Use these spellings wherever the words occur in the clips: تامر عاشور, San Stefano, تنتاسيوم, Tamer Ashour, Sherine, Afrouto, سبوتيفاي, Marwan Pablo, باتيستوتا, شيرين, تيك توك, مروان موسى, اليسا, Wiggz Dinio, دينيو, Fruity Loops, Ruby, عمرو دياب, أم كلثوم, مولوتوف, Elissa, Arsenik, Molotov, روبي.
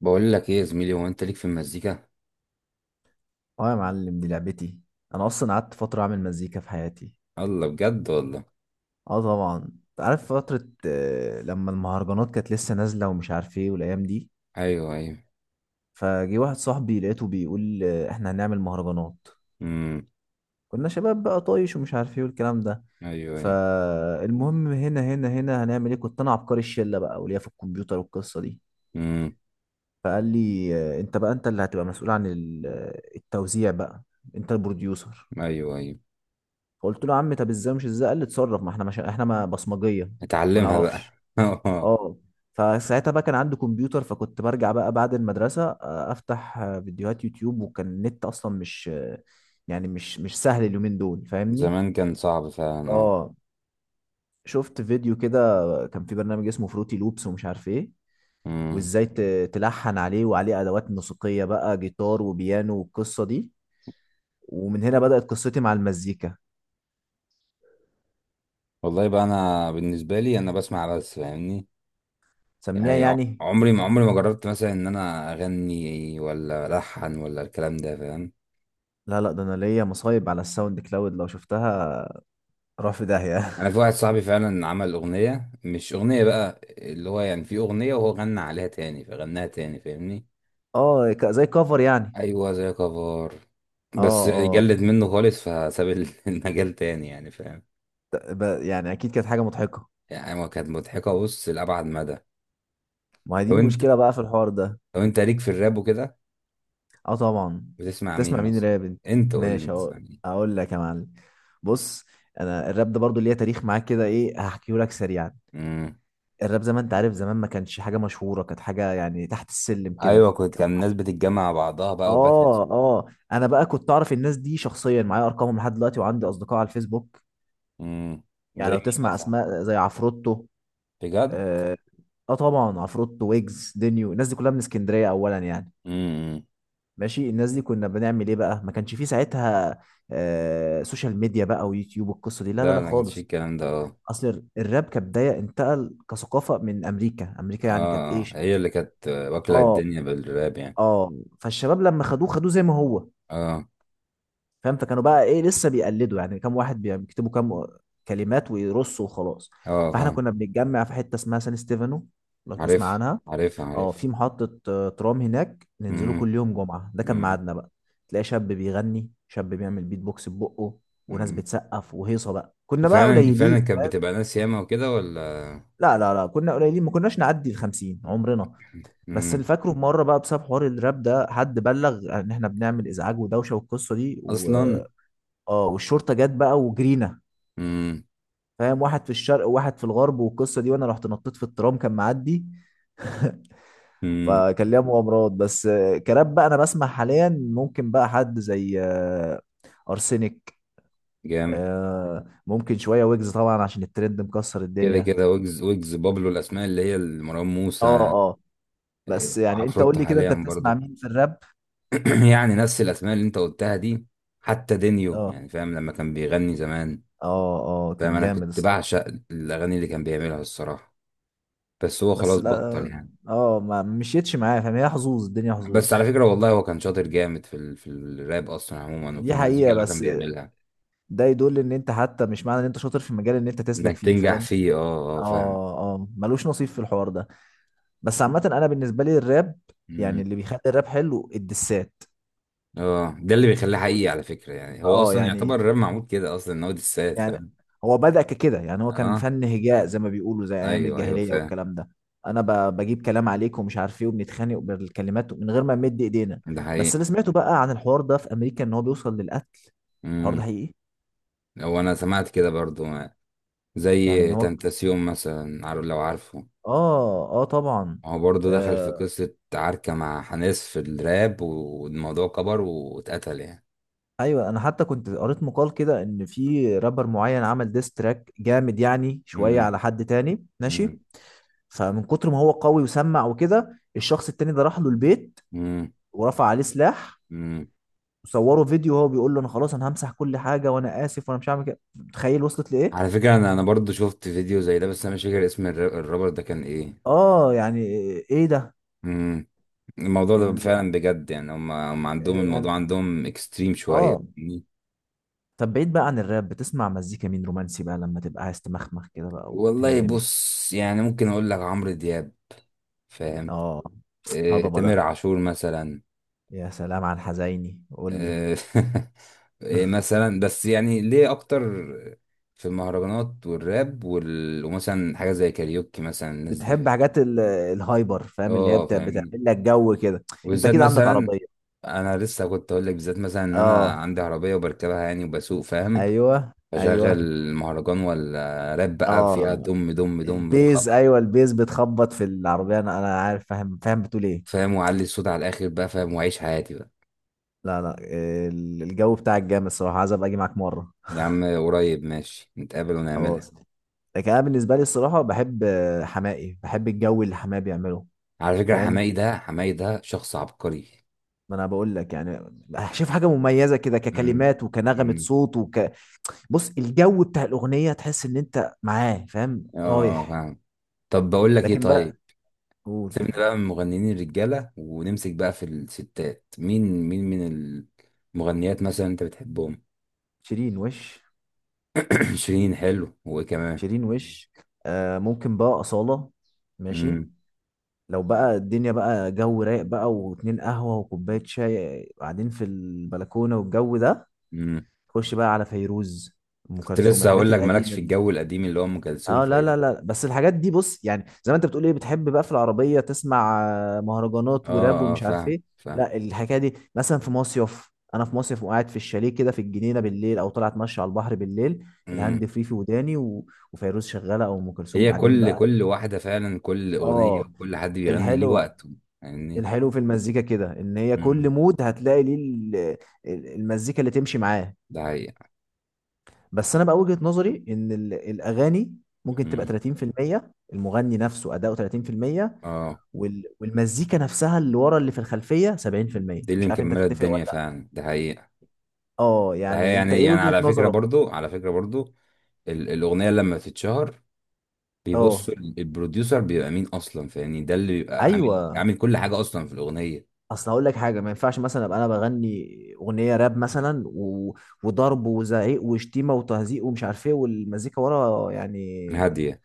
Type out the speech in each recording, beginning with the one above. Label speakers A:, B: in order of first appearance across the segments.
A: بقول لك ايه يا زميلي، هو انت ليك في المزيكا؟
B: اه يا معلم، دي لعبتي. انا اصلا قعدت فتره اعمل مزيكا في حياتي.
A: الله، بجد والله.
B: اه طبعا انت عارف فتره لما المهرجانات كانت لسه نازله ومش عارف ايه والايام دي.
A: ايوه، ايوه.
B: فجه واحد صاحبي لقيته بيقول احنا هنعمل مهرجانات.
A: امم.
B: كنا شباب بقى طايش ومش عارف ايه والكلام ده.
A: ايوه، ايوه.
B: فالمهم هنا هنعمل ايه؟ كنت انا عبقري الشله بقى وليا في الكمبيوتر والقصه دي.
A: امم.
B: فقال لي انت بقى، انت اللي هتبقى مسؤول عن التوزيع بقى، انت البروديوسر.
A: ايوه، ايوه.
B: فقلت له يا عم، طب ازاي؟ مش ازاي، قال لي اتصرف، ما احنا مش احنا ما بصمجيه. ما
A: اتعلمها بقى.
B: نعرفش. اه. فساعتها بقى كان عندي كمبيوتر، فكنت برجع بقى بعد المدرسه، افتح فيديوهات يوتيوب. وكان النت اصلا مش آه، يعني مش سهل اليومين دول، فاهمني.
A: زمان كان صعب فعلا، اه.
B: اه، شفت فيديو كده. كان في برنامج اسمه فروتي لوبس ومش عارف ايه،
A: امم.
B: وازاي تلحن عليه وعليه ادوات موسيقيه بقى، جيتار وبيانو والقصه دي. ومن هنا بدات قصتي مع المزيكا.
A: والله بقى، انا بالنسبه لي انا بسمع بس، فاهمني؟
B: سميها
A: يعني ع-
B: يعني.
A: عمري ما عمري ما جربت مثلا ان انا اغني ولا الحن ولا الكلام ده، فاهم.
B: لا لا، ده انا ليا مصايب على الساوند كلاود لو شفتها، راح في داهية.
A: انا في واحد صاحبي فعلا عمل اغنيه، مش اغنيه بقى اللي هو، يعني في اغنيه وهو غنى عليها تاني فغناها تاني، فاهمني.
B: اه، زي كفر يعني.
A: ايوه، زي كفار.
B: اه.
A: بس
B: اه.
A: جلد منه خالص فساب المجال تاني يعني، فاهم.
B: يعني اكيد كانت حاجة مضحكة.
A: يعني هو كانت مضحكه، بص، لابعد مدى.
B: ما هي دي
A: لو انت
B: المشكلة بقى في الحوار ده.
A: لو انت ليك في الراب وكده.
B: اه طبعا.
A: بتسمع
B: تسمع
A: مين
B: مين
A: مثلا؟
B: راب انت؟
A: انت قول لي،
B: ماشي
A: انت تسمع
B: اهو،
A: مين؟
B: اقول لك يا معلم. بص، انا الراب ده برضو ليا تاريخ معاك كده، ايه، هحكيه لك سريعا.
A: امم.
B: الراب زي ما انت عارف زمان ما كانش حاجة مشهورة، كانت حاجة يعني تحت السلم كده
A: ايوه، كنت
B: كان.
A: كان الناس بتتجمع مع بعضها بقى
B: اه
A: وباتلز.
B: اه. انا بقى كنت اعرف الناس دي شخصيا، معايا ارقامهم لحد دلوقتي وعندي اصدقاء على الفيسبوك.
A: امم.
B: يعني
A: زي
B: لو
A: مين
B: تسمع
A: مثلا؟
B: اسماء زي عفروتو.
A: بجد؟
B: اه، آه طبعا، عفروتو ويجز دينيو، الناس دي كلها من اسكندريه اولا يعني.
A: امم.
B: ماشي، الناس دي كنا بنعمل ايه بقى؟ ما كانش فيه ساعتها آه سوشيال ميديا بقى ويوتيوب والقصه دي، لا لا
A: لا،
B: لا
A: انا ما كانش فيه
B: خالص.
A: الكلام ده، اه.
B: اصل الراب كبدايه انتقل كثقافه من امريكا، امريكا يعني كانت
A: اه،
B: ايش.
A: هي اللي كانت واكله
B: اه.
A: الدنيا بالراب يعني.
B: اه. فالشباب لما خدوه خدوه زي ما هو،
A: اه،
B: فاهم. فكانوا بقى ايه، لسه بيقلدوا يعني، كام واحد بيكتبوا كام كلمات ويرصوا وخلاص.
A: اه،
B: فاحنا
A: فاهم.
B: كنا بنتجمع في حته اسمها سان ستيفانو، لو تسمع
A: عارف،
B: عنها.
A: عارف،
B: اه،
A: عارف.
B: في محطه ترام هناك، ننزلوا
A: امم.
B: كل يوم جمعه، ده كان ميعادنا بقى. تلاقي شاب بيغني، شاب بيعمل بيت بوكس ببقه، وناس
A: امم.
B: بتسقف وهيصه بقى، كنا بقى
A: وفعلا فعلا
B: قليلين.
A: كانت بتبقى ناس ياما وكده، ولا؟
B: لا لا لا، كنا قليلين، ما كناش نعدي ال 50 عمرنا. بس اللي
A: امم.
B: فاكره في مره بقى، بسبب حوار الراب ده، حد بلغ ان احنا بنعمل ازعاج ودوشه والقصه دي و...
A: اصلا؟
B: اه والشرطه جت بقى وجرينا،
A: امم.
B: فاهم، واحد في الشرق وواحد في الغرب والقصه دي. وانا رحت نطيت في الترام كان معدي.
A: امم.
B: فكان ليها مغامرات. بس كراب بقى انا بسمع حاليا، ممكن بقى حد زي ارسنك،
A: جامد.
B: ممكن شويه ويجز طبعا عشان الترند مكسر
A: كده
B: الدنيا.
A: كده، ويجز بابلو، الاسماء اللي هي مروان
B: اه.
A: موسى.
B: اه. بس
A: إيه،
B: يعني انت قول
A: وعفروتو
B: لي كده، انت
A: حاليا
B: بتسمع
A: برضه.
B: مين في الراب؟
A: يعني نفس الاسماء اللي انت قلتها دي. حتى دينيو،
B: اه.
A: يعني فاهم، لما كان بيغني زمان.
B: اه اه،
A: فاهم،
B: كان
A: انا
B: جامد
A: كنت
B: الصراحه.
A: بعشق الاغاني اللي كان بيعملها الصراحه. بس هو
B: بس
A: خلاص
B: لا،
A: بطل يعني.
B: اه، ما مشيتش معايا، فاهم، هي حظوظ الدنيا
A: بس على
B: حظوظ.
A: فكره والله، هو كان شاطر جامد في الراب اصلا عموما، وفي
B: دي
A: المزيكا
B: حقيقه.
A: اللي هو كان
B: بس
A: بيعملها.
B: ده يدل ان انت حتى، مش معنى ان انت شاطر في المجال ان انت تسلك
A: انك
B: فيه،
A: تنجح
B: فاهم.
A: فيه، اه، اه،
B: اه اه، ملوش نصيب في الحوار ده. بس عامه انا بالنسبه لي، الراب يعني،
A: فاهم.
B: اللي بيخلي الراب حلو الدسات.
A: اه، ده اللي بيخليه حقيقي على فكرة، يعني هو
B: اه
A: اصلا يعتبر
B: يعني.
A: الراب معمول كده اصلا ان هو دسات،
B: يعني
A: فاهم.
B: هو بدأ ككده، يعني هو كان
A: اه،
B: فن هجاء زي ما بيقولوا، زي ايام
A: ايوه، ايوه،
B: الجاهليه
A: فاهم.
B: والكلام ده. انا بجيب كلام عليك ومش عارف ايه، وبنتخانق بالكلمات من غير ما نمد ايدينا.
A: ده
B: بس
A: حقيقي.
B: اللي سمعته بقى عن الحوار ده في امريكا، ان هو بيوصل للقتل. الحوار ده
A: امم.
B: حقيقي؟
A: هو انا سمعت كده برضو.
B: يعني ان
A: زي
B: هو.
A: تنتاسيوم مثلا، عارف، لو عارفه.
B: اه اه طبعا.
A: هو برضو دخل في
B: آه،
A: قصة عركة مع حناس في الراب، والموضوع كبر واتقتل يعني.
B: ايوه، انا حتى كنت قريت مقال كده، ان في رابر معين عمل ديس تراك جامد يعني شويه
A: امم.
B: على حد تاني، ماشي.
A: امم.
B: فمن كتر ما هو قوي وسمع وكده، الشخص التاني ده راح له البيت،
A: امم.
B: ورفع عليه سلاح،
A: امم.
B: وصوره فيديو وهو بيقول له انا خلاص، انا همسح كل حاجه، وانا اسف، وانا مش هعمل كده. تخيل وصلت لايه.
A: على فكرة، انا برضو شفت فيديو زي ده، بس انا مش فاكر اسم الرابر ده كان ايه.
B: اه يعني. ايه ده.
A: الموضوع ده
B: ال-
A: فعلا بجد، يعني هم عندهم
B: إيه
A: الموضوع،
B: يعني.
A: عندهم اكستريم شوية،
B: اه.
A: فاهمني؟
B: طب بعيد بقى عن الراب، بتسمع مزيكا مين رومانسي بقى، لما تبقى عايز تمخمخ كده بقى
A: والله
B: وتندمج؟
A: بص، يعني ممكن اقول لك عمرو دياب. فاهم.
B: اه. هضبه ده،
A: تامر عاشور مثلا.
B: يا سلام على الحزيني قول لي.
A: آه، مثلا، بس يعني ليه اكتر في المهرجانات والراب ومثلا حاجة زي كاريوكي مثلا، الناس دي،
B: بتحب
A: فاهم؟
B: حاجات الهايبر، فاهم، اللي هي
A: اه،
B: بتعمل
A: فاهمني.
B: لك جو كده. انت
A: وبالذات
B: كده عندك
A: مثلا،
B: عربية.
A: انا لسه كنت اقول لك بالذات مثلا ان انا
B: اه.
A: عندي عربية وبركبها يعني وبسوق، فاهم.
B: ايوه ايوه.
A: اشغل مهرجان ولا راب بقى، فيها
B: اه،
A: دم دم دم
B: البيز،
A: خبط.
B: ايوه البيز بتخبط في العربية، انا عارف فاهم فاهم، بتقول ايه.
A: فاهم، واعلي الصوت على الاخر بقى، فاهم، واعيش حياتي بقى.
B: لا لا، الجو بتاعك جامد الصراحة، عايز ابقى اجي معاك مرة.
A: يا عم، قريب ماشي، نتقابل ونعملها.
B: خلاص. لكن انا بالنسبة لي الصراحة بحب حمائي، بحب الجو اللي حماقي بيعمله.
A: على فكرة،
B: فاهم.
A: حماقي ده حماقي ده شخص عبقري.
B: ما انا بقول لك يعني. شوف حاجة مميزة كده،
A: امم.
B: ككلمات وكنغمة
A: امم.
B: صوت. بص، الجو بتاع الاغنيه تحس ان انت معاه فاهم،
A: اه،
B: رايح.
A: فاهم. طب بقول لك ايه،
B: لكن بقى.
A: طيب.
B: قول.
A: سيبنا بقى من مغنيين الرجالة ونمسك بقى في الستات، مين، مين من المغنيات مثلا انت بتحبهم؟
B: شيرين وش.
A: شيرين حلو، وايه كمان؟
B: شيرين وش. آه، ممكن بقى اصاله. ماشي.
A: امم.
B: لو بقى الدنيا بقى جو رايق بقى، واتنين قهوه وكوبايه شاي قاعدين في البلكونه والجو ده،
A: امم.
B: خش بقى على فيروز، ام
A: كنت
B: كلثوم،
A: لسه هقول
B: الحاجات
A: لك، مالكش
B: القديمه
A: في
B: دي.
A: الجو القديم اللي هو ام كلثوم.
B: اه لا لا لا، بس الحاجات دي بص يعني، زي ما انت بتقول ايه، بتحب بقى في العربيه تسمع مهرجانات
A: اه،
B: وراب
A: اه،
B: ومش عارف
A: فاهم،
B: ايه.
A: فاهم.
B: لا الحكايه دي مثلا في مصيف، انا في مصيف وقاعد في الشاليه كده في الجنينه بالليل، او طلعت اتمشى على البحر بالليل،
A: امم.
B: الهاند فري في وداني و... وفيروز شغاله او ام كلثوم،
A: هي
B: قاعدين
A: كل
B: بقى.
A: كل واحدة فعلا، كل أغنية
B: اه.
A: وكل حد بيغني ليه
B: الحلو،
A: وقته يعني.
B: الحلو في المزيكا كده ان هي كل
A: امم.
B: مود هتلاقي ليه المزيكا اللي تمشي معاه.
A: ده حقيقة.
B: بس انا بقى وجهه نظري ان الاغاني ممكن تبقى
A: امم.
B: 30% المغني نفسه اداؤه، 30%
A: اه.
B: وال... والمزيكا نفسها اللي ورا اللي في الخلفية
A: مم.
B: 70%.
A: دي اللي
B: مش عارف انت
A: مكملة
B: تتفق
A: الدنيا
B: ولا لا.
A: فعلا، ده حقيقة.
B: اه
A: ده حقيقة،
B: يعني انت
A: يعني
B: ايه
A: يعني
B: وجهة
A: على فكرة
B: نظرك؟
A: برضو على فكرة برضو الأغنية لما بتتشهر
B: اه
A: بيبصوا البروديوسر بيبقى مين أصلا، فاهمني، ده اللي بيبقى عامل
B: ايوه.
A: عامل كل حاجة أصلا في الأغنية.
B: اصل هقول لك حاجه، ما ينفعش مثلا ابقى انا بغني اغنيه راب مثلا و... وضرب وزعيق وشتيمه وتهزيق ومش عارف ايه، والمزيكا ورا يعني
A: هادية.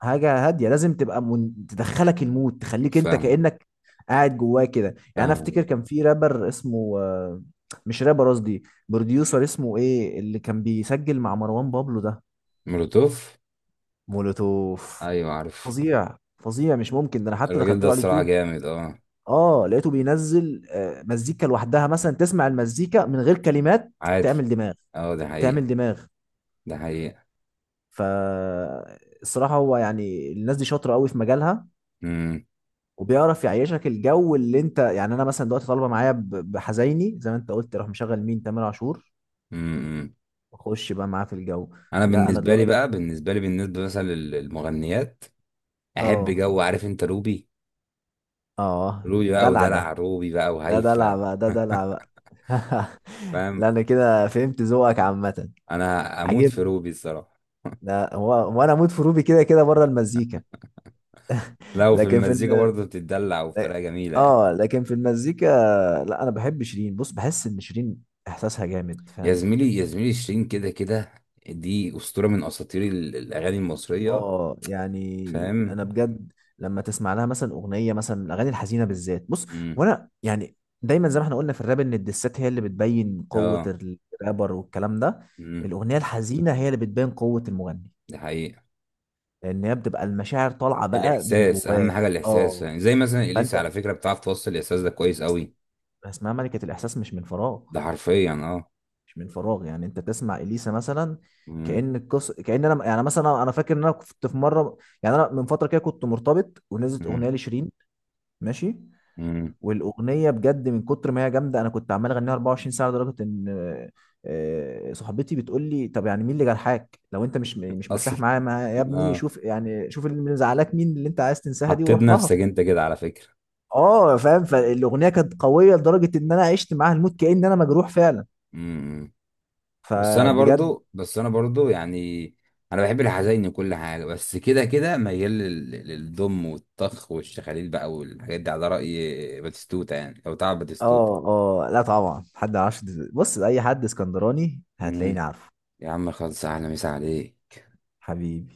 B: حاجه هاديه. لازم تبقى من... تدخلك المود، تخليك انت
A: فاهم،
B: كانك قاعد جواه كده. يعني انا افتكر
A: فاهم.
B: كان في رابر اسمه مش رابر، قصدي بروديوسر اسمه ايه، اللي كان بيسجل مع مروان بابلو ده.
A: مولوتوف.
B: مولوتوف.
A: أيوة، عارف.
B: فظيع فظيع، مش ممكن ده، انا حتى
A: الراجل
B: دخلت
A: ده
B: له على
A: الصراحة
B: اليوتيوب.
A: جامد، اه.
B: اه، لقيته بينزل مزيكا لوحدها مثلا، تسمع المزيكا من غير كلمات،
A: عادي.
B: تعمل دماغ،
A: اه، ده
B: تعمل
A: حقيقة.
B: دماغ.
A: ده حقيقة.
B: فالصراحة هو يعني الناس دي شاطرة قوي في مجالها،
A: امم.
B: وبيعرف يعيشك الجو اللي انت، يعني انا مثلا دلوقتي طالبة معايا بحزيني زي ما انت قلت، اروح مشغل مين؟ تامر عاشور،
A: امم. امم.
B: واخش بقى معاه في الجو.
A: انا
B: لا انا
A: بالنسبة لي
B: دلوقتي.
A: بقى بالنسبة لي بالنسبة مثلا للمغنيات، احب
B: اه
A: جو، عارف انت روبي؟
B: اه.
A: روبي بقى،
B: دلع
A: ودلع
B: ده،
A: روبي بقى،
B: ده دلع
A: وهيفا.
B: بقى، ده دلع بقى.
A: فاهم.
B: لا انا كده فهمت ذوقك عامة،
A: انا اموت في
B: عجبني.
A: روبي الصراحة.
B: لا هو، هو انا اموت في روبي كده كده بره المزيكا.
A: لو في
B: لكن في
A: المزيكا
B: الم...
A: برضه بتتدلع، وبطريقة جميلة يعني.
B: اه لكن في المزيكا، لا انا بحب شيرين، بص بحس ان شيرين احساسها جامد،
A: يا
B: فاهم.
A: زميلي، يا زميلي، شيرين كده كده، دي أسطورة من أساطير الأغاني المصرية.
B: اه يعني
A: فاهم.
B: انا بجد، لما تسمع لها مثلا اغنيه، مثلا الاغاني الحزينه بالذات، بص.
A: امم.
B: وانا يعني دايما زي ما احنا قلنا في الراب، ان الدسات هي اللي بتبين قوه
A: اه.
B: الرابر والكلام ده،
A: امم.
B: الاغنيه الحزينه هي اللي بتبين قوه المغني،
A: ده حقيقة.
B: لان هي بتبقى المشاعر طالعه بقى من
A: الاحساس اهم
B: جواه.
A: حاجه، الاحساس،
B: اه.
A: يعني زي مثلا اليسا،
B: فانت،
A: على فكره بتعرف توصل الاحساس ده كويس قوي.
B: اسمها ملكه الاحساس مش من فراغ،
A: ده حرفيا، اه.
B: مش من فراغ. يعني انت تسمع اليسا مثلا،
A: مم.
B: كأن القص، كأن انا، يعني مثلا انا فاكر ان انا كنت في مره، يعني انا من فتره كده كنت مرتبط، ونزلت اغنيه
A: مم.
B: لشيرين، ماشي،
A: مم.
B: والاغنيه بجد من كتر ما هي جامده، انا كنت عمال اغنيها 24 ساعه، لدرجه ان صاحبتي بتقول لي طب يعني مين اللي جرحك؟ لو انت مش مرتاح
A: اصل،
B: معايا يا ابني
A: اه،
B: شوف يعني، شوف اللي مزعلاك، مين اللي انت عايز تنساها دي
A: حطيت
B: وروح لها.
A: نفسك انت كده على فكره.
B: اه فاهم، فالاغنيه كانت قويه لدرجه ان انا عشت معاها الموت، كأن انا مجروح فعلا،
A: مم. بس انا
B: فبجد.
A: برضو بس انا برضو يعني، انا بحب الحزين وكل حاجه، بس كده كده ميال للضم والطخ والشخاليل بقى والحاجات دي، على راي باتيستوتا، يعني لو تعرف باتيستوتا.
B: اه اه لا طبعا، حد ما يعرفش، بص اي حد اسكندراني هتلاقيني
A: مم.
B: عارفه.
A: يا عم، خلص، اهلا، مسا عليك.
B: حبيبي.